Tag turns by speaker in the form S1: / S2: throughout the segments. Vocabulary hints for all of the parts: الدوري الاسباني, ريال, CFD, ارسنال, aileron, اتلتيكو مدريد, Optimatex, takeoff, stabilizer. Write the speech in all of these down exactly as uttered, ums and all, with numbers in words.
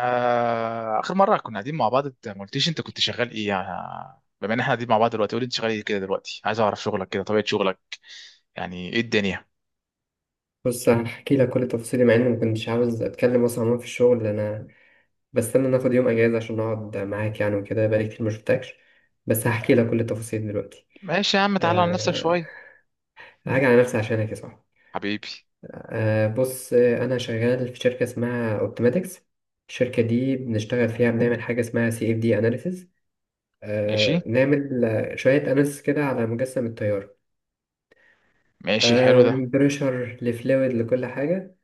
S1: آه، اخر مره كنا قاعدين مع بعض، انت ما قلتيش انت كنت شغال ايه يعني. بما ان احنا قاعدين مع بعض دلوقتي، قولي انت شغال ايه كده دلوقتي، عايز اعرف شغلك كده، طبيعه شغلك يعني ايه الدنيا.
S2: بص، هحكي لك كل تفاصيلي مع اني ما كنتش عاوز اتكلم اصلا. عموما في الشغل انا بستنى ناخد يوم اجازه عشان اقعد معاك يعني، وكده بقالي كتير ما شفتكش. بس هحكي لك كل التفاصيل دلوقتي.
S1: ماشي يا عم، تعالى عن نفسك
S2: أه.
S1: شويه.
S2: هاجي على نفسي عشانك يا صاحبي.
S1: حبيبي.
S2: أه، بص. آه، انا شغال في شركه اسمها اوبتيماتكس. الشركه دي بنشتغل فيها، بنعمل حاجه اسمها سي اف دي اناليسز. أه
S1: ماشي.
S2: نعمل آه، شويه اناليسز كده على مجسم التيار.
S1: ماشي حلو
S2: أه
S1: ده.
S2: من بريشر لفلويد لكل حاجه.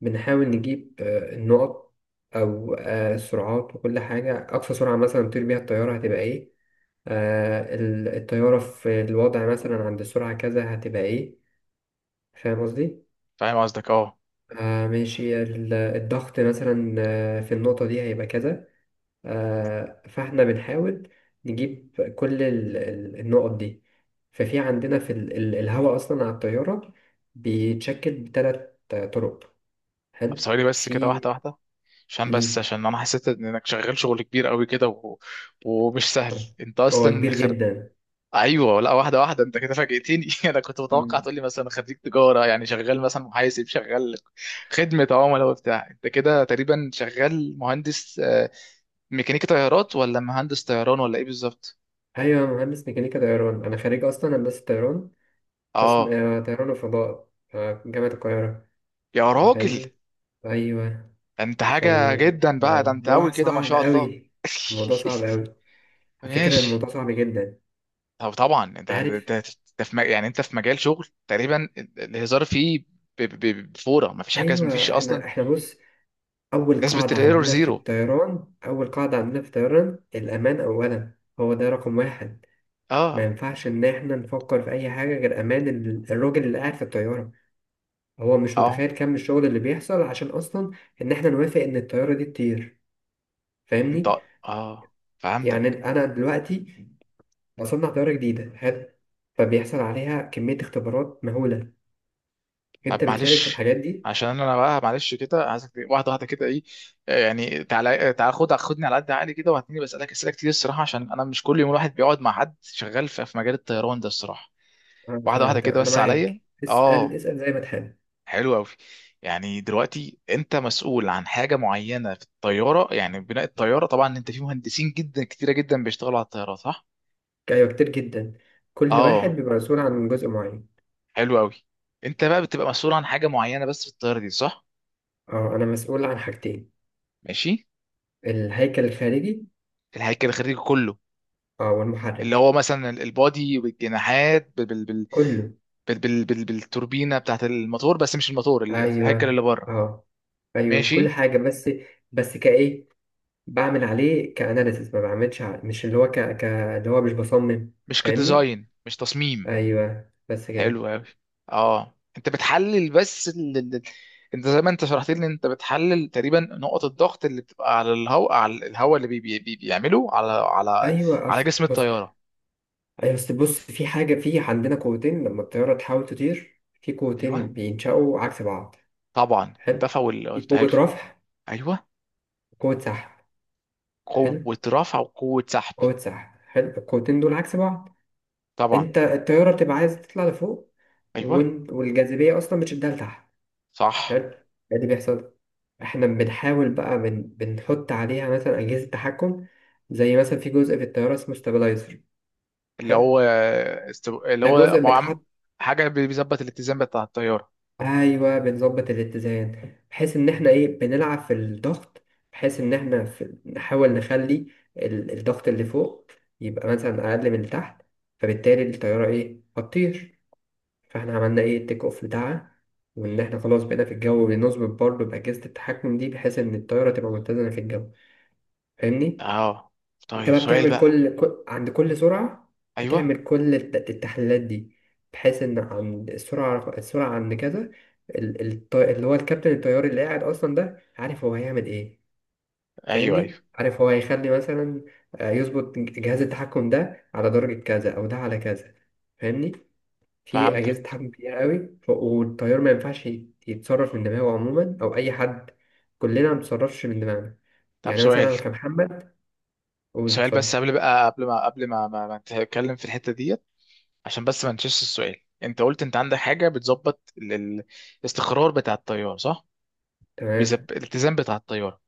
S2: بنحاول نجيب آه، النقط، أو آه، السرعات وكل حاجة. أقصى سرعة مثلا تطير بيها الطيارة هتبقى إيه؟ آه، ال- الطيارة في الوضع مثلا عند السرعة كذا هتبقى إيه. فاهم قصدي؟
S1: فاهم قصدك اه.
S2: آه ماشي. ال- الضغط مثلا آه، في النقطة دي هيبقى كذا. آه فاحنا بنحاول نجيب كل ال- ال- النقط دي. ففي عندنا في ال- ال- الهواء أصلا على الطيارة بيتشكل بثلاث طرق.
S1: طب
S2: حلو.
S1: ثواني بس كده،
S2: في.
S1: واحده واحده. عشان بس،
S2: مم.
S1: عشان انا حسيت انك شغال شغل كبير قوي كده، و... ومش سهل انت
S2: هو
S1: اصلا
S2: كبير
S1: خ...
S2: جدا.
S1: ايوه، لا واحده واحده، انت كده فاجئتني انا كنت متوقع
S2: مم.
S1: تقول لي مثلا خريج تجاره يعني شغال مثلا محاسب، شغال خدمه عملاء وبتاع. انت كده تقريبا شغال مهندس، آه، ميكانيكي طيارات، ولا مهندس طيران، ولا ايه بالظبط؟
S2: ايوه، أنا مهندس ميكانيكا طيران، انا خريج اصلا هندسه طيران. قسم
S1: اه.
S2: آه، طيران وفضاء، آه، جامعه القاهره.
S1: يا
S2: آه،
S1: راجل،
S2: فاهمني. ايوه.
S1: ده انت حاجه جدا بقى، ده انت قوي
S2: فالموضوع
S1: كده ما
S2: صعب
S1: شاء الله.
S2: قوي. الموضوع صعب قوي. على فكره
S1: ماشي.
S2: الموضوع صعب جدا.
S1: طب طبعا انت انت
S2: عارف.
S1: انت في م- يعني انت في مجال شغل تقريبا ال- الهزار فيه، ب- ب- بفوره، ما فيش حاجه، ما فيش
S2: ايوه.
S1: اصلا.
S2: احنا احنا بص. اول
S1: نسبه
S2: قاعده
S1: الايرور
S2: عندنا في
S1: زيرو.
S2: الطيران، اول قاعده عندنا في الطيران، الامان اولا. هو ده رقم واحد. ما
S1: اه.
S2: ينفعش ان احنا نفكر في اي حاجه غير امان ال- الراجل اللي قاعد في الطياره. هو مش
S1: اه.
S2: متخيل كم الشغل اللي بيحصل عشان اصلا ان احنا نوافق ان الطياره دي تطير.
S1: انت.
S2: فاهمني.
S1: اه
S2: يعني
S1: فهمتك.
S2: انا دلوقتي بصنع طياره جديده، حلو. فبيحصل عليها كميه اختبارات مهوله. انت
S1: طب
S2: بتشارك في
S1: معلش،
S2: الحاجات دي.
S1: عشان انا بقى معلش كده عايزك ت- واحده واحده كده. ايه آه، يعني تعالى، آه، تعالى خد خدني على قد عقلي كده، وهتني بسالك اسئله كتير الصراحه، عشان انا مش كل يوم الواحد بيقعد مع حد شغال في في مجال الطيران ده الصراحه.
S2: انا مش
S1: واحده واحده
S2: فاهمك تمام.
S1: كده
S2: انا
S1: بس عليا.
S2: معاك، اسال
S1: اه.
S2: اسال زي ما تحب.
S1: حلو قوي. يعني دلوقتي انت مسؤول عن حاجه معينه في الطياره؟ يعني بناء الطياره طبعا انت في مهندسين جدا كتيره جدا بيشتغلوا على الطياره، صح؟
S2: ايوه كتير جدا. كل واحد
S1: اه.
S2: بيبقى مسؤول عن جزء معين.
S1: حلو قوي. انت بقى بتبقى مسؤول عن حاجه معينه بس في الطياره دي، صح؟
S2: اه، انا مسؤول عن حاجتين.
S1: ماشي.
S2: الهيكل الخارجي.
S1: الهيكل الخارجي كله.
S2: اه،
S1: اللي هو
S2: والمحرك
S1: مثلا ال- البادي بالجناحات، بال بال بال
S2: كله.
S1: بال بال بال بالتوربينه بتاعت الموتور، بس مش الموتور، ال- الهيكل
S2: ايوه.
S1: اللي بره.
S2: اه. ايوه كل
S1: ماشي.
S2: حاجه بس. بس كايه، بعمل عليه كأناليسيس، ما بعملش ع- مش اللي هو ك... ك... اللي هو مش بصمم.
S1: مش
S2: فاهمني.
S1: كديزاين، مش تصميم.
S2: ايوه بس كده.
S1: حلو قوي. اه انت بتحلل بس ال... ال- ال- انت زي ما انت شرحت لي، انت بتحلل تقريبا نقط الضغط اللي بتبقى على الهواء، على الهواء اللي بي... بي... بي- بيعمله على على
S2: ايوه
S1: على
S2: اصل
S1: جسم
S2: بص.
S1: الطياره.
S2: ايوه اصل بص في حاجه. في عندنا قوتين. لما الطياره تحاول تطير في
S1: ايوه.
S2: قوتين بينشأوا عكس بعض.
S1: طبعا
S2: حلو.
S1: الدفع
S2: في
S1: وال،
S2: قوه
S1: حلو.
S2: رفع.
S1: ايوه.
S2: وقوه سحب. حلو.
S1: قوه رفع وقوه سحب.
S2: قوه سحب. حلو. القوتين دول عكس بعض.
S1: طبعا.
S2: انت الطياره بتبقى عايز تطلع لفوق،
S1: ايوه.
S2: وإن- والجاذبيه اصلا بتشدها لتحت.
S1: صح.
S2: حلو. إيه اللي بيحصل؟ احنا بنحاول بقى بن... بنحط عليها مثلا اجهزه تحكم. زي مثلا في جزء في الطياره اسمه ستابلايزر.
S1: اللي
S2: حلو.
S1: هو استو... اللي
S2: ده
S1: هو
S2: جزء
S1: أبو عم...
S2: بيتحط.
S1: حاجة بيظبط الاتزان بتاع الطيارة.
S2: ايوه، بنظبط الاتزان بحيث ان احنا ايه، بنلعب في الضغط. بحيث ان احنا في... نحاول نخلي ال... الضغط اللي فوق يبقى مثلا اقل من اللي تحت. فبالتالي الطياره ايه، هتطير. فاحنا عملنا ايه، التيك اوف بتاعها. وان احنا خلاص بقينا في الجو، بنظبط برضه باجهزه التحكم دي بحيث ان الطياره تبقى متزنه في الجو. فاهمني.
S1: اه.
S2: انت
S1: طيب
S2: بقى
S1: سؤال
S2: بتعمل
S1: بقى.
S2: كل كل- عند كل سرعة
S1: ايوه.
S2: بتعمل كل الت- التحليلات دي. بحيث ان عند السرعة السرعة عند كذا، ال- الط- اللي هو الكابتن الطيار اللي قاعد اصلا ده عارف هو هيعمل ايه.
S1: ايوه. ايوه
S2: فاهمني. عارف هو هيخلي مثلا آه، يظبط جهاز التحكم ده على درجة كذا او ده على كذا. فاهمني. في
S1: فهمتك.
S2: اجهزة تحكم كتير قوي، ف- والطيار ما ينفعش يتصرف من دماغه عموما، او اي حد. كلنا ما بنتصرفش من دماغنا.
S1: طب
S2: يعني
S1: سؤال،
S2: مثلا كمحمد. قول
S1: سؤال
S2: اتفضل.
S1: بس قبل بقى، قبل ما، قبل ما ما, ما نتكلم في الحتة ديت، عشان بس ما نشيش السؤال. انت قلت انت عندك حاجة بتظبط ال- ال- الاستقرار بتاع الطيارة، صح؟
S2: تمام.
S1: بيزب... الاتزان بتاع الطيارة.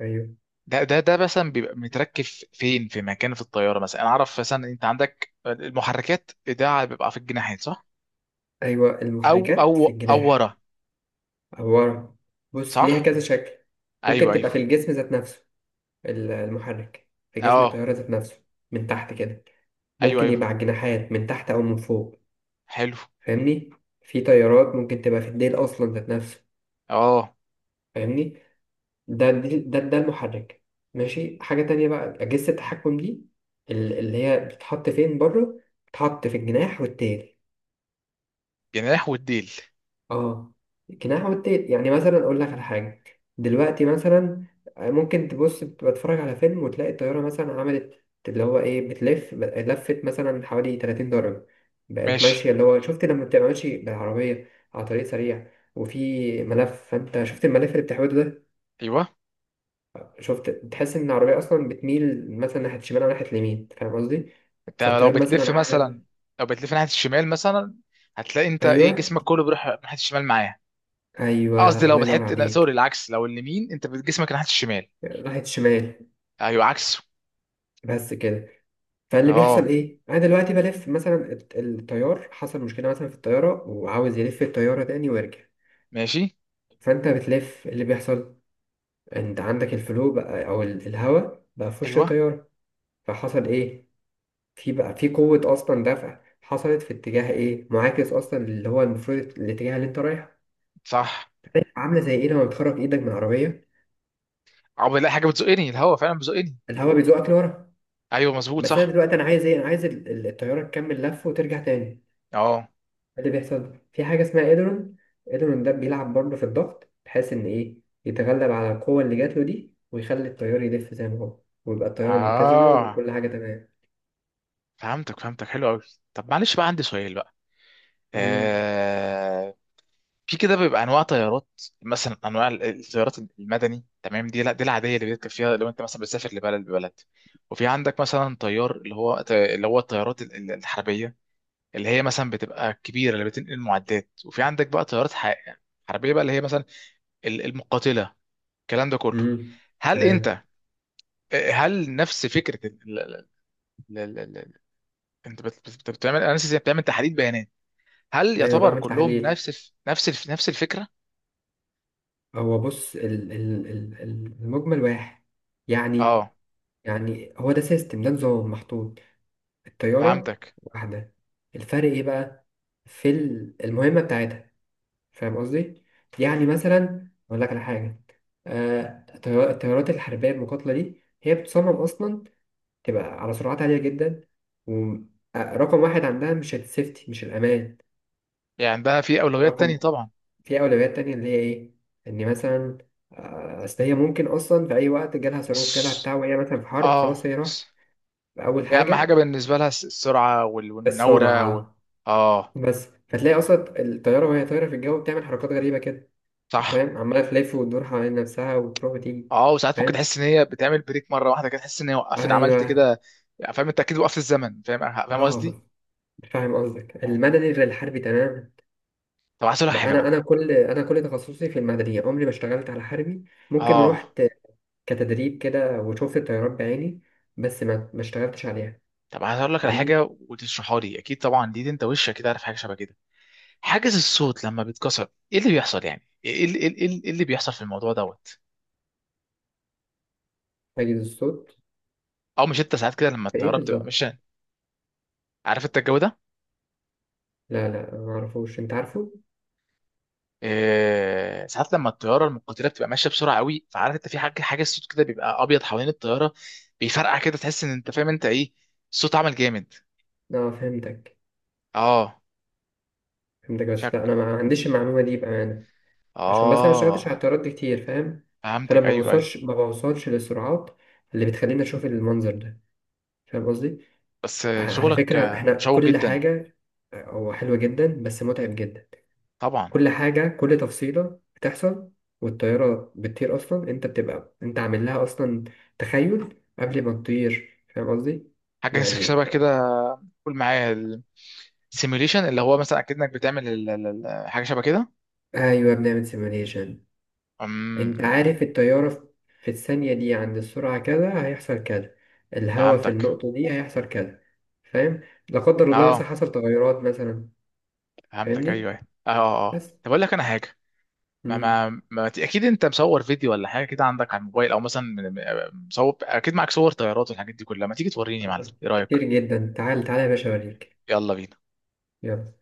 S2: أيوه.
S1: ده ده ده مثلا بيبقى متركب فين، في مكان في الطيارة؟ مثلا انا اعرف مثلا انت عندك المحركات، ده بيبقى في الجناحات صح؟
S2: أيوه
S1: او او
S2: المحركات في
S1: او ورا.
S2: الجناح. عبارة. بص ليها
S1: صح.
S2: كذا شكل. ممكن
S1: ايوه
S2: تبقى في
S1: ايوه.
S2: الجسم ذات نفسه. ال- المحرك في جسم
S1: اه.
S2: الطيارة ذات نفسه من تحت كده.
S1: ايوه
S2: ممكن يبقى
S1: ايوه.
S2: على الجناحات من تحت أو من فوق.
S1: حلو.
S2: فاهمني. في طيارات ممكن تبقى في الديل أصلا ذات نفسه.
S1: اه.
S2: فاهمني. ده ده ده, ده المحرك. ماشي. حاجة تانية بقى، أجهزة التحكم دي ال- اللي هي بتتحط فين؟ بره. بتتحط في الجناح والتيل.
S1: جناح والديل.
S2: اه، جناح والتيل. يعني مثلا اقول لك على حاجه، دلوقتي مثلا آه، ممكن تبص بتفرج على فيلم وتلاقي الطياره مثلا عملت اللي هو ايه، بتلف لفت مثلا حوالي 30 درجه. بقت
S1: ماشي.
S2: ماشيه اللي هو، شفت لما بتبقى ماشي بالعربيه على طريق سريع وفي ملف، فانت شفت الملف اللي بتحوله ده.
S1: ايوه.
S2: شفت تحس ان العربيه اصلا بتميل مثلا ناحيه الشمال او ناحيه اليمين. فاهم قصدي؟
S1: انت لو
S2: فالطيار
S1: بتلف
S2: مثلا
S1: مثلا،
S2: عامل.
S1: لو بتلف ناحيه الشمال مثلا، هتلاقي انت
S2: ايوه،
S1: ايه، جسمك كله بيروح ناحيه الشمال معاه. قصدي
S2: ايوه،
S1: لو
S2: الله ينور
S1: بتحط، لا سوري
S2: عليك.
S1: العكس، لو اليمين انت بت- جسمك ناحيه الشمال.
S2: راحت شمال.
S1: ايوه عكسه.
S2: بس كده. فاللي بيحصل
S1: اه.
S2: ايه، انا دلوقتي بلف مثلا الت- التيار. حصل مشكله مثلا في الطياره وعاوز يلف الطياره تاني ويرجع.
S1: ماشي.
S2: فانت بتلف، اللي بيحصل، انت عندك الفلو بقى او ال- الهواء بقى في وش
S1: ايوه.
S2: الطياره. فحصل ايه، في بقى في قوه اصلا دفع حصلت في اتجاه ايه، معاكس اصلا اللي هو المفروض الاتجاه اللي انت رايحه.
S1: صح.
S2: عامله زي ايه لما بتخرج ايدك من العربيه،
S1: عقبال الاقي حاجه بتزقني، الهوا فعلا بيزقني.
S2: الهواء بيزقك لورا.
S1: ايوه مظبوط،
S2: بس انا
S1: صح.
S2: دلوقتي انا عايز ايه، انا عايز ال- ال- الطياره تكمل لف وترجع تاني.
S1: اه.
S2: اللي بيحصل في حاجة اسمها إيدرون. إيدرون ده بيلعب برضه في الضغط بحيث إن إيه، يتغلب على القوة اللي جات له دي ويخلي التيار يلف زي ما هو، ويبقى الطيارة متزنة
S1: اه
S2: وكل حاجة تمام.
S1: فهمتك، فهمتك حلو قوي. طب معلش بقى، عندي سؤال بقى.
S2: امم.
S1: آه... في كده بيبقى انواع طيارات. مثلا انواع ال- الطيارات المدني، تمام؟ دي لا، دي العاديه اللي بيركب فيها لو انت مثلا بتسافر لبلد ببلد. وفي عندك مثلا طيار، اللي هو اللي هو الطيارات ال- ال- الحربيه، اللي هي مثلا بتبقى كبيره اللي بتنقل معدات. وفي عندك بقى طيارات ح- حربيه بقى، اللي هي مثلا ال- المقاتله، الكلام ده كله.
S2: امم.
S1: هل
S2: تمام.
S1: انت، هل نفس فكره ال- ال- ال- ال- ال- انت بت- بت- بتعمل، انا نسيت، بتعمل تحليل بيانات، هل
S2: أيوه،
S1: يعتبر
S2: بعمل
S1: كلهم
S2: تحليل.
S1: نفس الف- نفس الف- نفس الفكره؟
S2: هو بص، ال ال ال ال- المجمل واحد يعني
S1: اه
S2: يعني هو ده سيستم، ده نظام محطوط. الطيارة
S1: فهمتك.
S2: واحدة. الفرق إيه بقى؟ في ال- المهمة بتاعتها. فاهم قصدي؟ يعني مثلا أقول لك على حاجة، آه، الطيار- الطيارات الحربية المقاتلة دي هي بتصمم أصلا تبقى على سرعات عالية جدا. ورقم واحد عندها مش السيفتي، مش الأمان.
S1: يعني عندها في أولويات تانية
S2: رقم.
S1: طبعا.
S2: في أولويات تانية اللي هي إيه؟ إن مثلا آه، أصل هي ممكن أصلا في أي وقت جالها صاروخ جالها
S1: الس...
S2: بتاع، وهي مثلا في حرب، خلاص
S1: اه
S2: هي راحت.
S1: الس...
S2: أول
S1: هي أهم حاجة
S2: حاجة
S1: بالنسبة لها الس- السرعة وال... والمناورة و...
S2: السرعة.
S1: اه.
S2: بس فتلاقي أصلا الطيارة وهي طايرة في الجو بتعمل حركات غريبة كده.
S1: صح.
S2: فاهم. عمالة تلف وتدور حوالين نفسها وتروح وتيجي.
S1: اه. وساعات ممكن
S2: فاهم.
S1: تحس إن هي بتعمل بريك مرة واحدة كده، تحس إن هي وقفت عملت
S2: أيوه.
S1: كده يعني. فاهم أنت أكيد، وقفت الزمن، فاهم فاهم قصدي؟
S2: اه. فاهم قصدك،
S1: اه.
S2: المدني غير الحربي تماما.
S1: طب عايز أقول لك
S2: بقى
S1: حاجة
S2: أنا
S1: بقى.
S2: أنا كل أنا كل تخصصي في المدني، عمري ما اشتغلت على حربي. ممكن
S1: اه.
S2: رحت كتدريب كده وشفت الطيارات بعيني، بس ما ما اشتغلتش عليها.
S1: طب عايز أقول لك على
S2: فاهمني.
S1: حاجة وتشرحها لي، أكيد طبعا دي, دي أنت وشك كده عارف حاجة شبه كده. حاجز الصوت لما بيتكسر إيه اللي بيحصل يعني؟ إيه, إيه, إيه, إيه إيه اللي بيحصل في الموضوع دوت؟
S2: حاجز الصوت.
S1: أو مش أنت ساعات كده لما
S2: في إيه
S1: الطيارة بتبقى
S2: بالظبط؟
S1: ماشية، عارف أنت الجو ده؟
S2: لا، لا، ما أعرفوش. أنت عارفه؟
S1: آه، ساعات لما الطياره المقاتله بتبقى ماشيه بسرعه قوي، فعارف انت في حاجه، حاجه الصوت كده بيبقى ابيض حوالين الطياره، بيفرقع كده، تحس ان انت فاهم انت ايه، الصوت عمل جامد.
S2: أه، فهمتك.
S1: اه.
S2: فهمتك، بس لا،
S1: شك.
S2: أنا ما عنديش المعلومة دي بأمانة. عشان بس انا مشتغلتش
S1: اه
S2: على الطيارات دي كتير، فاهم. فانا
S1: فهمتك.
S2: ما
S1: ايوه ايوه.
S2: بوصلش، ما بوصلش للسرعات اللي بتخليني اشوف المنظر ده. فاهم قصدي.
S1: بس
S2: ع-
S1: آه،
S2: على
S1: شغلك
S2: فكره
S1: آه،
S2: احنا
S1: مشوق
S2: كل
S1: جدا.
S2: حاجه. أه، هو حلوه جدا بس متعب جدا.
S1: طبعا.
S2: كل حاجه، كل تفصيله بتحصل والطياره بتطير اصلا، انت بتبقى انت عامل لها اصلا تخيل قبل ما تطير. فاهم قصدي
S1: حاجه
S2: يعني.
S1: شبه كده. قول معايا، السيميوليشن، اللي هو مثلا اكيد انك بتعمل ال- ال- ال- حاجه شبه كده.
S2: ايوه، بنعمل سيميوليشن. انت
S1: امم.
S2: عارف التيارة في في الثانية دي عند السرعة كذا هيحصل كذا. الهواء في
S1: فهمتك.
S2: النقطة دي هيحصل كذا. فاهم. لا قدر الله
S1: اه
S2: مثلا حصل تغيرات مثلا.
S1: فهمتك. ايوه
S2: فاهمني.
S1: ايوه. اه. اه. آه.
S2: بس.
S1: طب اقول لك انا حاجه. ما
S2: مم.
S1: ما, ما ت- اكيد انت مصور فيديو ولا حاجه كده عندك على الموبايل، او مثلا من- من- مصور، اكيد معاك صور طيارات والحاجات دي كلها، ما تيجي توريني يا معلم،
S2: آه،
S1: ايه رايك؟
S2: كتير جدا. تعال تعال يا باشا اوريك.
S1: يلا بينا.
S2: يلا